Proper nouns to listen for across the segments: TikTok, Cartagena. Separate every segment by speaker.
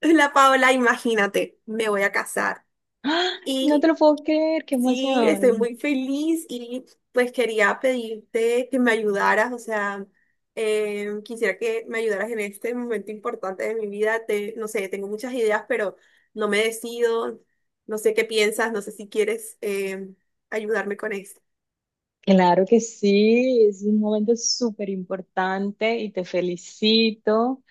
Speaker 1: La Paola, imagínate, me voy a casar.
Speaker 2: ¡Ah! No te
Speaker 1: Y
Speaker 2: lo puedo creer, qué
Speaker 1: sí, estoy
Speaker 2: emoción.
Speaker 1: muy feliz y pues quería pedirte que me ayudaras, o sea, quisiera que me ayudaras en este momento importante de mi vida. Te, no sé, tengo muchas ideas, pero no me decido, no sé qué piensas, no sé si quieres ayudarme con esto.
Speaker 2: Claro que sí, es un momento súper importante y te felicito.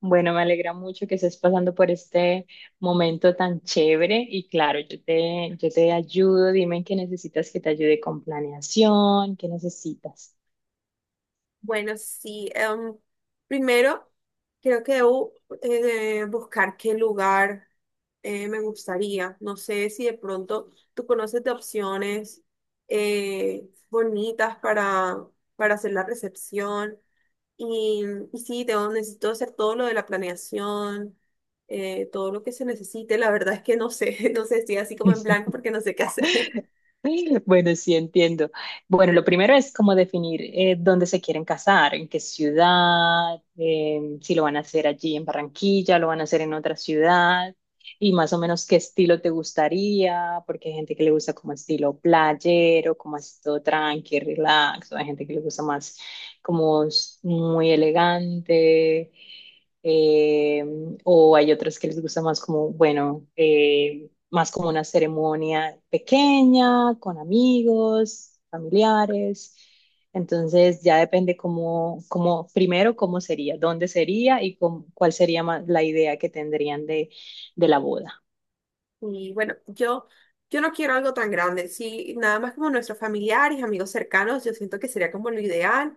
Speaker 2: Bueno, me alegra mucho que estés pasando por este momento tan chévere y claro, yo te ayudo. Dime en qué necesitas que te ayude con planeación, qué necesitas.
Speaker 1: Bueno, sí. Primero, creo que debo buscar qué lugar me gustaría. No sé si de pronto tú conoces de opciones bonitas para hacer la recepción. Y, y sí, tengo, necesito hacer todo lo de la planeación, todo lo que se necesite. La verdad es que no sé, no sé, estoy así como en blanco porque no sé qué hacer.
Speaker 2: Bueno, sí entiendo. Bueno, lo primero es como definir dónde se quieren casar, en qué ciudad. Si lo van a hacer allí en Barranquilla, lo van a hacer en otra ciudad, y más o menos qué estilo te gustaría, porque hay gente que le gusta como estilo playero, como así todo tranqui, relax, o hay gente que le gusta más como muy elegante. eh, o hay otros que les gusta más como, bueno, más como una ceremonia pequeña, con amigos, familiares. Entonces ya depende cómo primero cómo sería, dónde sería y cuál sería la idea que tendrían de la boda.
Speaker 1: Y bueno, yo no quiero algo tan grande, sí, nada más como nuestros familiares, amigos cercanos, yo siento que sería como lo ideal,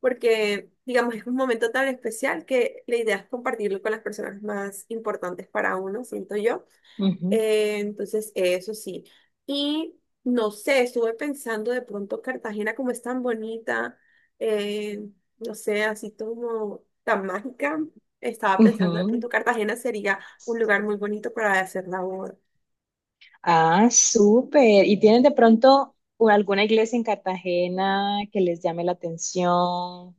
Speaker 1: porque digamos es un momento tan especial que la idea es compartirlo con las personas más importantes para uno, siento yo.
Speaker 2: Ujú,
Speaker 1: Entonces, eso sí. Y no sé, estuve pensando de pronto Cartagena como es tan bonita, eh, no sé, así como tan mágica, estaba pensando de
Speaker 2: ujú.
Speaker 1: pronto Cartagena sería un lugar muy bonito para hacer la boda.
Speaker 2: Ah, súper. ¿Y tienen de pronto alguna iglesia en Cartagena que les llame la atención?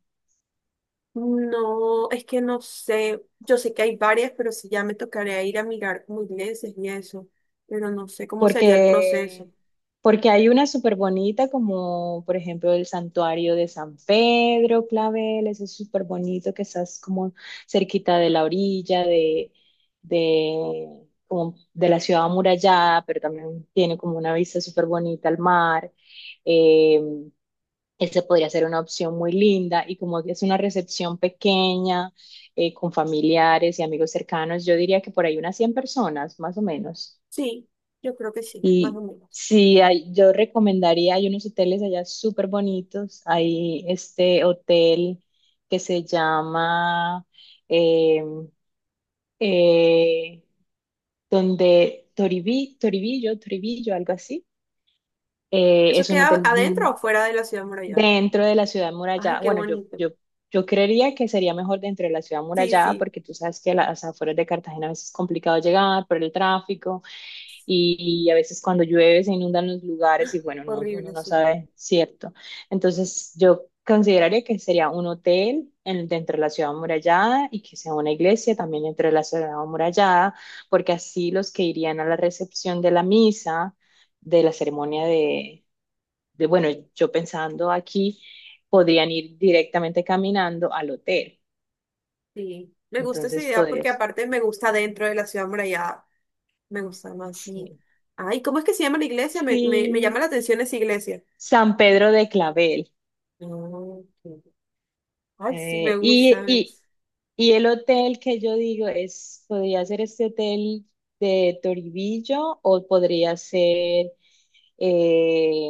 Speaker 1: No, es que no sé. Yo sé que hay varias, pero sí ya me tocaría ir a mirar como iglesias y eso. Pero no sé cómo sería el proceso.
Speaker 2: Porque, porque hay una súper bonita, como por ejemplo el santuario de San Pedro Clavel. Ese es súper bonito, que estás como cerquita de la orilla de, como de la ciudad amurallada, pero también tiene como una vista súper bonita al mar. Eh, Esa podría ser una opción muy linda y como es una recepción pequeña, con familiares y amigos cercanos, yo diría que por ahí unas 100 personas, más o menos.
Speaker 1: Sí, yo creo que sí, más o
Speaker 2: Y
Speaker 1: menos.
Speaker 2: sí, hay, yo recomendaría, hay unos hoteles allá súper bonitos. Hay este hotel que se llama eh, eh, donde Toribi, Toribillo, Toribillo, algo así.
Speaker 1: ¿Eso
Speaker 2: Es un
Speaker 1: queda
Speaker 2: hotel,
Speaker 1: adentro o fuera de la ciudad muralla?
Speaker 2: dentro de la ciudad
Speaker 1: Ay,
Speaker 2: murallada.
Speaker 1: qué
Speaker 2: Bueno, yo,
Speaker 1: bonito.
Speaker 2: yo, yo creería que sería mejor dentro de la ciudad
Speaker 1: Sí,
Speaker 2: murallada,
Speaker 1: sí,
Speaker 2: porque tú sabes que a las afueras de Cartagena a veces es complicado llegar por el tráfico. Y a veces cuando llueve se inundan los lugares y bueno, no, uno
Speaker 1: horrible,
Speaker 2: no
Speaker 1: sí.
Speaker 2: sabe, cierto. Entonces yo consideraría que sería un hotel dentro de la ciudad amurallada, y que sea una iglesia también dentro de la ciudad amurallada, porque así los que irían a la recepción de la misa, de la ceremonia, de bueno, yo pensando aquí, podrían ir directamente caminando al hotel.
Speaker 1: Sí, me gusta esa
Speaker 2: Entonces
Speaker 1: idea porque
Speaker 2: podrías.
Speaker 1: aparte me gusta dentro de la ciudad muralla. Me gusta más, sí.
Speaker 2: Sí.
Speaker 1: Ay, ¿cómo es que se llama la iglesia? Me llama
Speaker 2: Sí.
Speaker 1: la atención esa iglesia.
Speaker 2: San Pedro de Clavel.
Speaker 1: Ah, ok. Ay, sí, me gusta. Me
Speaker 2: Y,
Speaker 1: gusta.
Speaker 2: y el hotel que yo digo es, podría ser este hotel de Toribillo, o podría ser eh,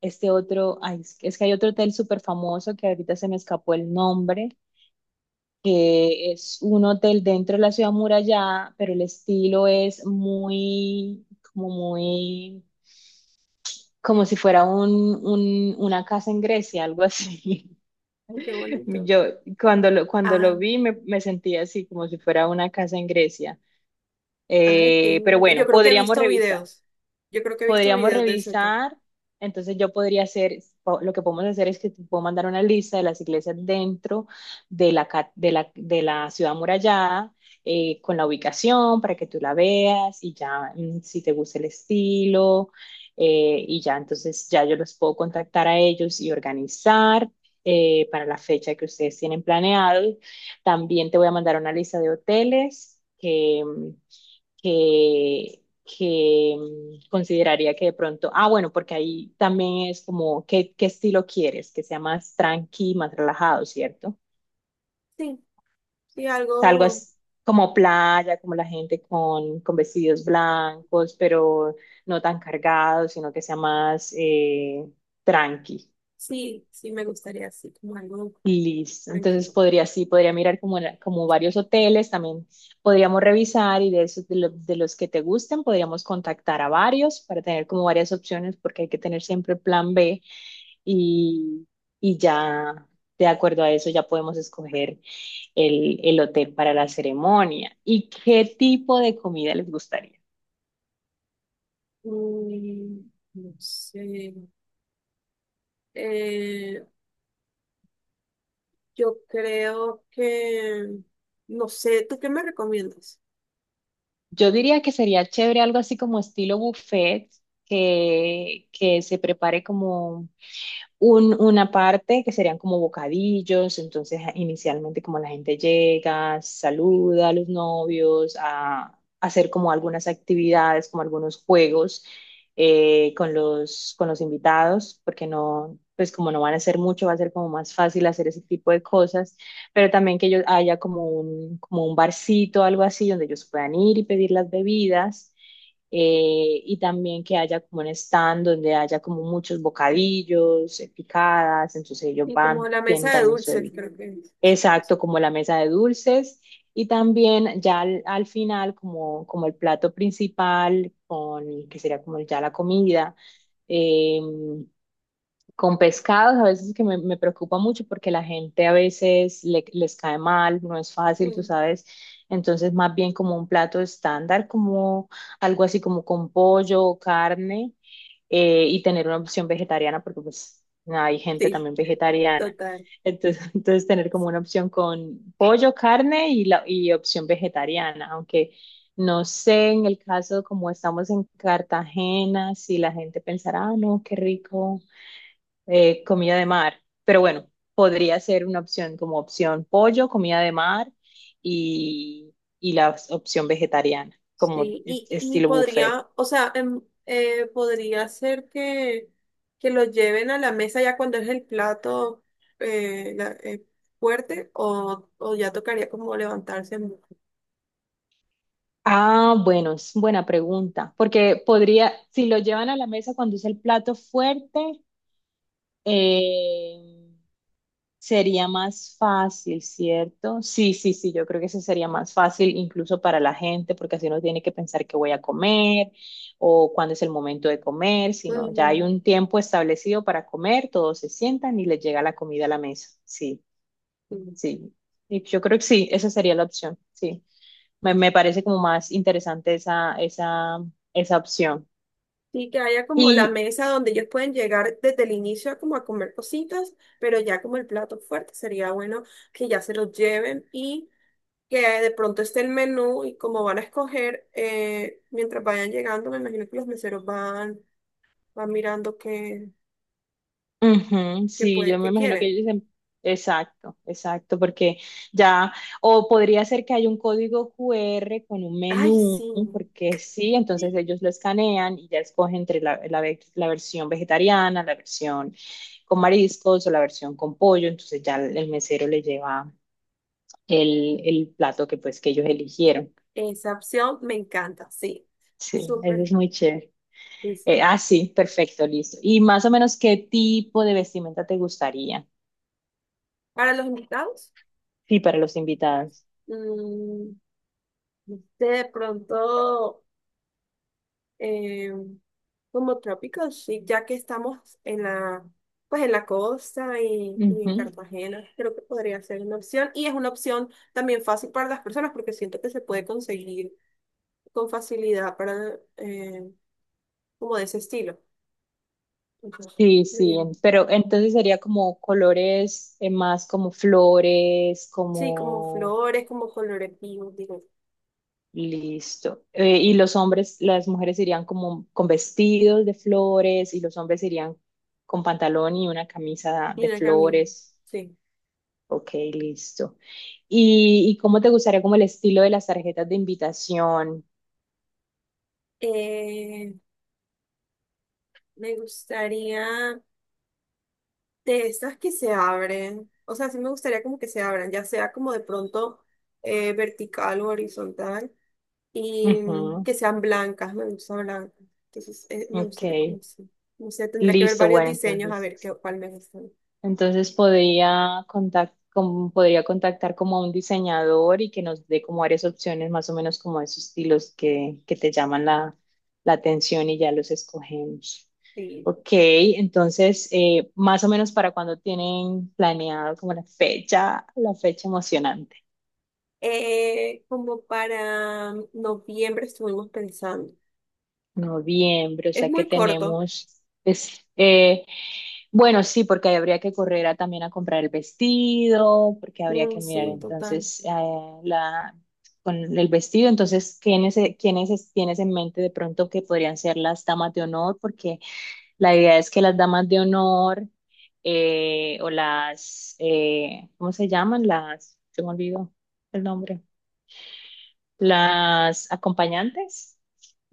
Speaker 2: este otro, ay, es que hay otro hotel súper famoso que ahorita se me escapó el nombre, que es un hotel dentro de la ciudad muralla, pero el estilo es muy, como si fuera una casa en Grecia, algo así.
Speaker 1: Ay, qué bonito.
Speaker 2: Yo cuando lo, cuando
Speaker 1: Ah.
Speaker 2: lo vi, me sentí así, como si fuera una casa en Grecia.
Speaker 1: Ay, qué
Speaker 2: Pero
Speaker 1: bonito. Yo
Speaker 2: bueno,
Speaker 1: creo que he
Speaker 2: podríamos
Speaker 1: visto
Speaker 2: revisar.
Speaker 1: videos. Yo creo que he visto
Speaker 2: Podríamos
Speaker 1: videos de ese tour.
Speaker 2: revisar. Entonces yo podría hacer, lo que podemos hacer es que te puedo mandar una lista de las iglesias dentro de la, de la ciudad amurallada, con la ubicación para que tú la veas y ya, si te gusta el estilo. Y ya entonces ya yo los puedo contactar a ellos y organizar para la fecha que ustedes tienen planeado. También te voy a mandar una lista de hoteles que consideraría, que de pronto, ah, bueno, porque ahí también es como, ¿qué estilo quieres? Que sea más tranqui, más relajado, ¿cierto? O
Speaker 1: Sí, sí,
Speaker 2: sea, algo
Speaker 1: algo,
Speaker 2: es como playa, como la gente con vestidos blancos, pero no tan cargados, sino que sea más tranqui.
Speaker 1: sí, sí me gustaría así, como algo
Speaker 2: Listo. Entonces
Speaker 1: tranquilo.
Speaker 2: podría, sí, podría mirar como varios hoteles, también podríamos revisar, y de esos de los que te gusten, podríamos contactar a varios para tener como varias opciones, porque hay que tener siempre plan B, y, y ya de acuerdo a eso ya podemos escoger el hotel para la ceremonia. ¿Y qué tipo de comida les gustaría?
Speaker 1: Mm, no sé. Eh, yo creo que, no sé, ¿tú qué me recomiendas?
Speaker 2: Yo diría que sería chévere algo así como estilo buffet, que se prepare como una parte que serían como bocadillos, entonces inicialmente como la gente llega, saluda a los novios, hacer como algunas actividades, como algunos juegos, con los invitados, porque no, pues como no van a hacer mucho, va a ser como más fácil hacer ese tipo de cosas, pero también que ellos haya como un, barcito, algo así, donde ellos puedan ir y pedir las bebidas, y también que haya como un stand donde haya como muchos bocadillos, picadas, entonces ellos
Speaker 1: Y como
Speaker 2: van,
Speaker 1: la
Speaker 2: tienen
Speaker 1: mesa de
Speaker 2: también su
Speaker 1: dulces,
Speaker 2: bebida.
Speaker 1: creo que es.
Speaker 2: Exacto, como la mesa de dulces, y también ya al final como el plato principal, con que sería como ya la comida. em, con pescados, a veces que me preocupa mucho porque la gente a veces les cae mal, no es fácil, tú
Speaker 1: Sí,
Speaker 2: sabes. Entonces, más bien como un plato estándar, como algo así como con pollo o carne, y tener una opción vegetariana, porque pues hay gente
Speaker 1: sí,
Speaker 2: también vegetariana.
Speaker 1: total.
Speaker 2: Entonces, entonces tener como una opción con pollo, carne y opción vegetariana, aunque no sé, en el caso como estamos en Cartagena, si la gente pensará, ah, no, qué rico, comida de mar, pero bueno, podría ser una opción como opción pollo, comida de mar, y, y la opción vegetariana, como
Speaker 1: Sí, y
Speaker 2: estilo buffet.
Speaker 1: podría, o sea, podría ser que lo lleven a la mesa ya cuando es el plato eh, la- eh, fuerte o ya tocaría como levantarse. En-
Speaker 2: Ah, bueno, es buena pregunta, porque podría, si lo llevan a la mesa cuando es el plato fuerte, eh, sería más fácil, ¿cierto? Sí, sí, sí, yo creo que eso sería más fácil incluso para la gente, porque así no tiene que pensar qué voy a comer o cuándo es el momento de comer, sino ya hay
Speaker 1: mm,
Speaker 2: un tiempo establecido para comer, todos se sientan y les llega la comida a la mesa. Sí,
Speaker 1: sí.
Speaker 2: sí. Y yo creo que sí, esa sería la opción, sí. Me parece como más interesante esa opción.
Speaker 1: Sí, que haya como la
Speaker 2: Y
Speaker 1: mesa donde ellos pueden llegar desde el inicio como a comer cositas, pero ya como el plato fuerte sería bueno que ya se los lleven y que de pronto esté el menú y como van a escoger, mientras vayan llegando, me imagino que los meseros van van mirando qué,
Speaker 2: Ujú,
Speaker 1: qué,
Speaker 2: sí,
Speaker 1: puede,
Speaker 2: yo me
Speaker 1: qué
Speaker 2: imagino que
Speaker 1: quieren.
Speaker 2: ellos dicen, exacto, exacto, porque ya, o podría ser que hay un código QR con un
Speaker 1: Ay,
Speaker 2: menú,
Speaker 1: sí.
Speaker 2: porque sí, entonces
Speaker 1: Sí.
Speaker 2: ellos lo escanean y ya escogen entre la versión vegetariana, la versión con mariscos o la versión con pollo, entonces ya el mesero le lleva el plato que pues que ellos eligieron.
Speaker 1: Esa opción me encanta, sí.
Speaker 2: Sí, eso
Speaker 1: Súper.
Speaker 2: es muy chévere.
Speaker 1: Sí, sí.
Speaker 2: Sí, perfecto, listo. ¿Y más o menos qué tipo de vestimenta te gustaría?
Speaker 1: Para los invitados,
Speaker 2: Sí, para los invitados.
Speaker 1: mm, no sé, de pronto, eh, como tropical chic, ya que estamos en la, pues en la costa y en
Speaker 2: Ujú.
Speaker 1: Cartagena, creo que podría ser una opción. Y es una opción también fácil para las personas porque siento que se puede conseguir con facilidad para, como de ese estilo. Entonces,
Speaker 2: Sí,
Speaker 1: muy
Speaker 2: sí,
Speaker 1: bien.
Speaker 2: pero entonces sería como colores, más como flores,
Speaker 1: Sí, como
Speaker 2: como.
Speaker 1: flores, como colores vivos, digo.
Speaker 2: Listo. Y
Speaker 1: Y
Speaker 2: los hombres, las mujeres irían como con vestidos de flores y los hombres irían con pantalón y una camisa de
Speaker 1: una camino.
Speaker 2: flores.
Speaker 1: Sí.
Speaker 2: Ok, listo. ¿Y cómo te gustaría como el estilo de las tarjetas de invitación?
Speaker 1: Eh, Me gustaría de esas que se abren. O sea, sí me gustaría como que se abran, ya sea como de pronto vertical o horizontal. Y mm,
Speaker 2: Ujú,
Speaker 1: que sean blancas, me gusta blancas. Entonces, me
Speaker 2: ok,
Speaker 1: gustaría como así. No sé, tendría que ver
Speaker 2: listo,
Speaker 1: varios
Speaker 2: bueno,
Speaker 1: diseños a
Speaker 2: entonces.
Speaker 1: ver qué, cuál me gusta.
Speaker 2: Entonces podría contactar como a un diseñador, y que nos dé como varias opciones, más o menos como esos estilos que te llaman la atención, y ya los escogemos.
Speaker 1: Sí.
Speaker 2: Ok, entonces, más o menos, ¿para cuando tienen planeado como la fecha emocionante?
Speaker 1: Como para noviembre estuvimos pensando.
Speaker 2: Noviembre, o
Speaker 1: Es
Speaker 2: sea que
Speaker 1: muy corto.
Speaker 2: tenemos, bueno, sí, porque ahí habría que correr también a comprar el vestido, porque habría
Speaker 1: Mm,
Speaker 2: que mirar
Speaker 1: sí, total.
Speaker 2: entonces, la, con el vestido. Entonces, ¿quiénes tienes en mente de pronto que podrían ser las damas de honor? Porque la idea es que las damas de honor, o las, ¿cómo se llaman? Se me olvidó el nombre, las acompañantes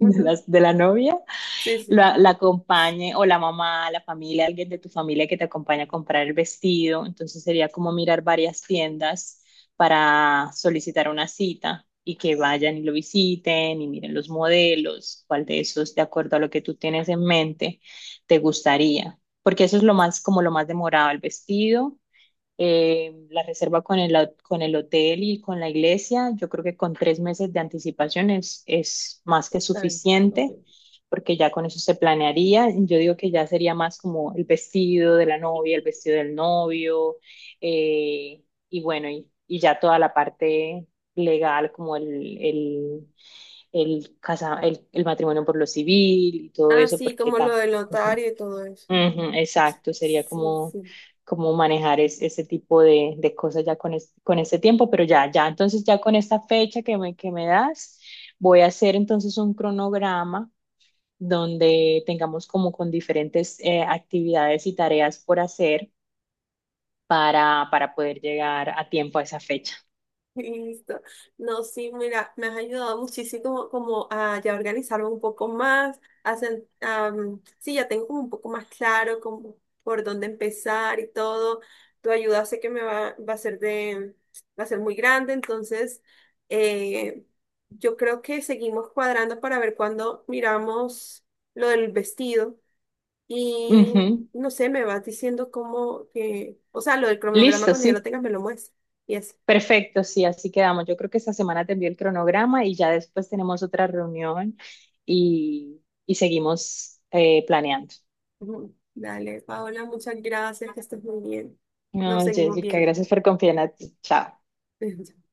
Speaker 2: de la novia,
Speaker 1: Sí, sí.
Speaker 2: la acompañe, o la mamá, la familia, alguien de tu familia que te acompañe a comprar el vestido. Entonces sería como mirar varias tiendas para solicitar una cita y que vayan y lo visiten y miren los modelos, cuál de esos, de acuerdo a lo que tú tienes en mente, te gustaría. Porque eso es lo más, como lo más demorado, el vestido, la reserva con el hotel y con la iglesia, yo creo que con 3 meses de anticipación es más que
Speaker 1: Total bien. Ok.
Speaker 2: suficiente, porque ya con eso se planearía. Yo digo que ya sería más como el vestido de la novia, el vestido del novio, eh, y bueno, y ya toda la parte legal, como el matrimonio por lo civil y todo
Speaker 1: Ah,
Speaker 2: eso.
Speaker 1: sí, como lo del notario y todo eso.
Speaker 2: Ujú, exacto, sería
Speaker 1: Sí,
Speaker 2: como,
Speaker 1: sí.
Speaker 2: como manejar ese tipo de cosas ya con ese tiempo, pero ya, ya, entonces ya con esta fecha que me das, voy a hacer entonces un cronograma donde tengamos como con diferentes actividades y tareas por hacer, para poder llegar a tiempo a esa fecha.
Speaker 1: Listo. No, sí, mira, me has ayudado muchísimo como a ya organizarme un poco más, a sen- sí, ya tengo como un poco más claro como por dónde empezar y todo. Tu ayuda sé que me va, va a ser de, va a ser muy grande, entonces eh, yo creo que seguimos cuadrando para ver cuándo miramos lo del vestido y
Speaker 2: Ujú,
Speaker 1: no sé, me vas diciendo cómo que, o sea, lo del cronograma
Speaker 2: listo,
Speaker 1: cuando yo lo
Speaker 2: sí.
Speaker 1: tenga me lo muestras. Y así.
Speaker 2: Perfecto, sí, así quedamos. Yo creo que esta semana te envío el cronograma y ya después tenemos otra reunión, y seguimos planeando.
Speaker 1: Ujú. Dale, Paola, muchas gracias, que estés muy bien. Nos
Speaker 2: No,
Speaker 1: seguimos
Speaker 2: Jessica,
Speaker 1: viendo.
Speaker 2: gracias por confiar en ti. Chao.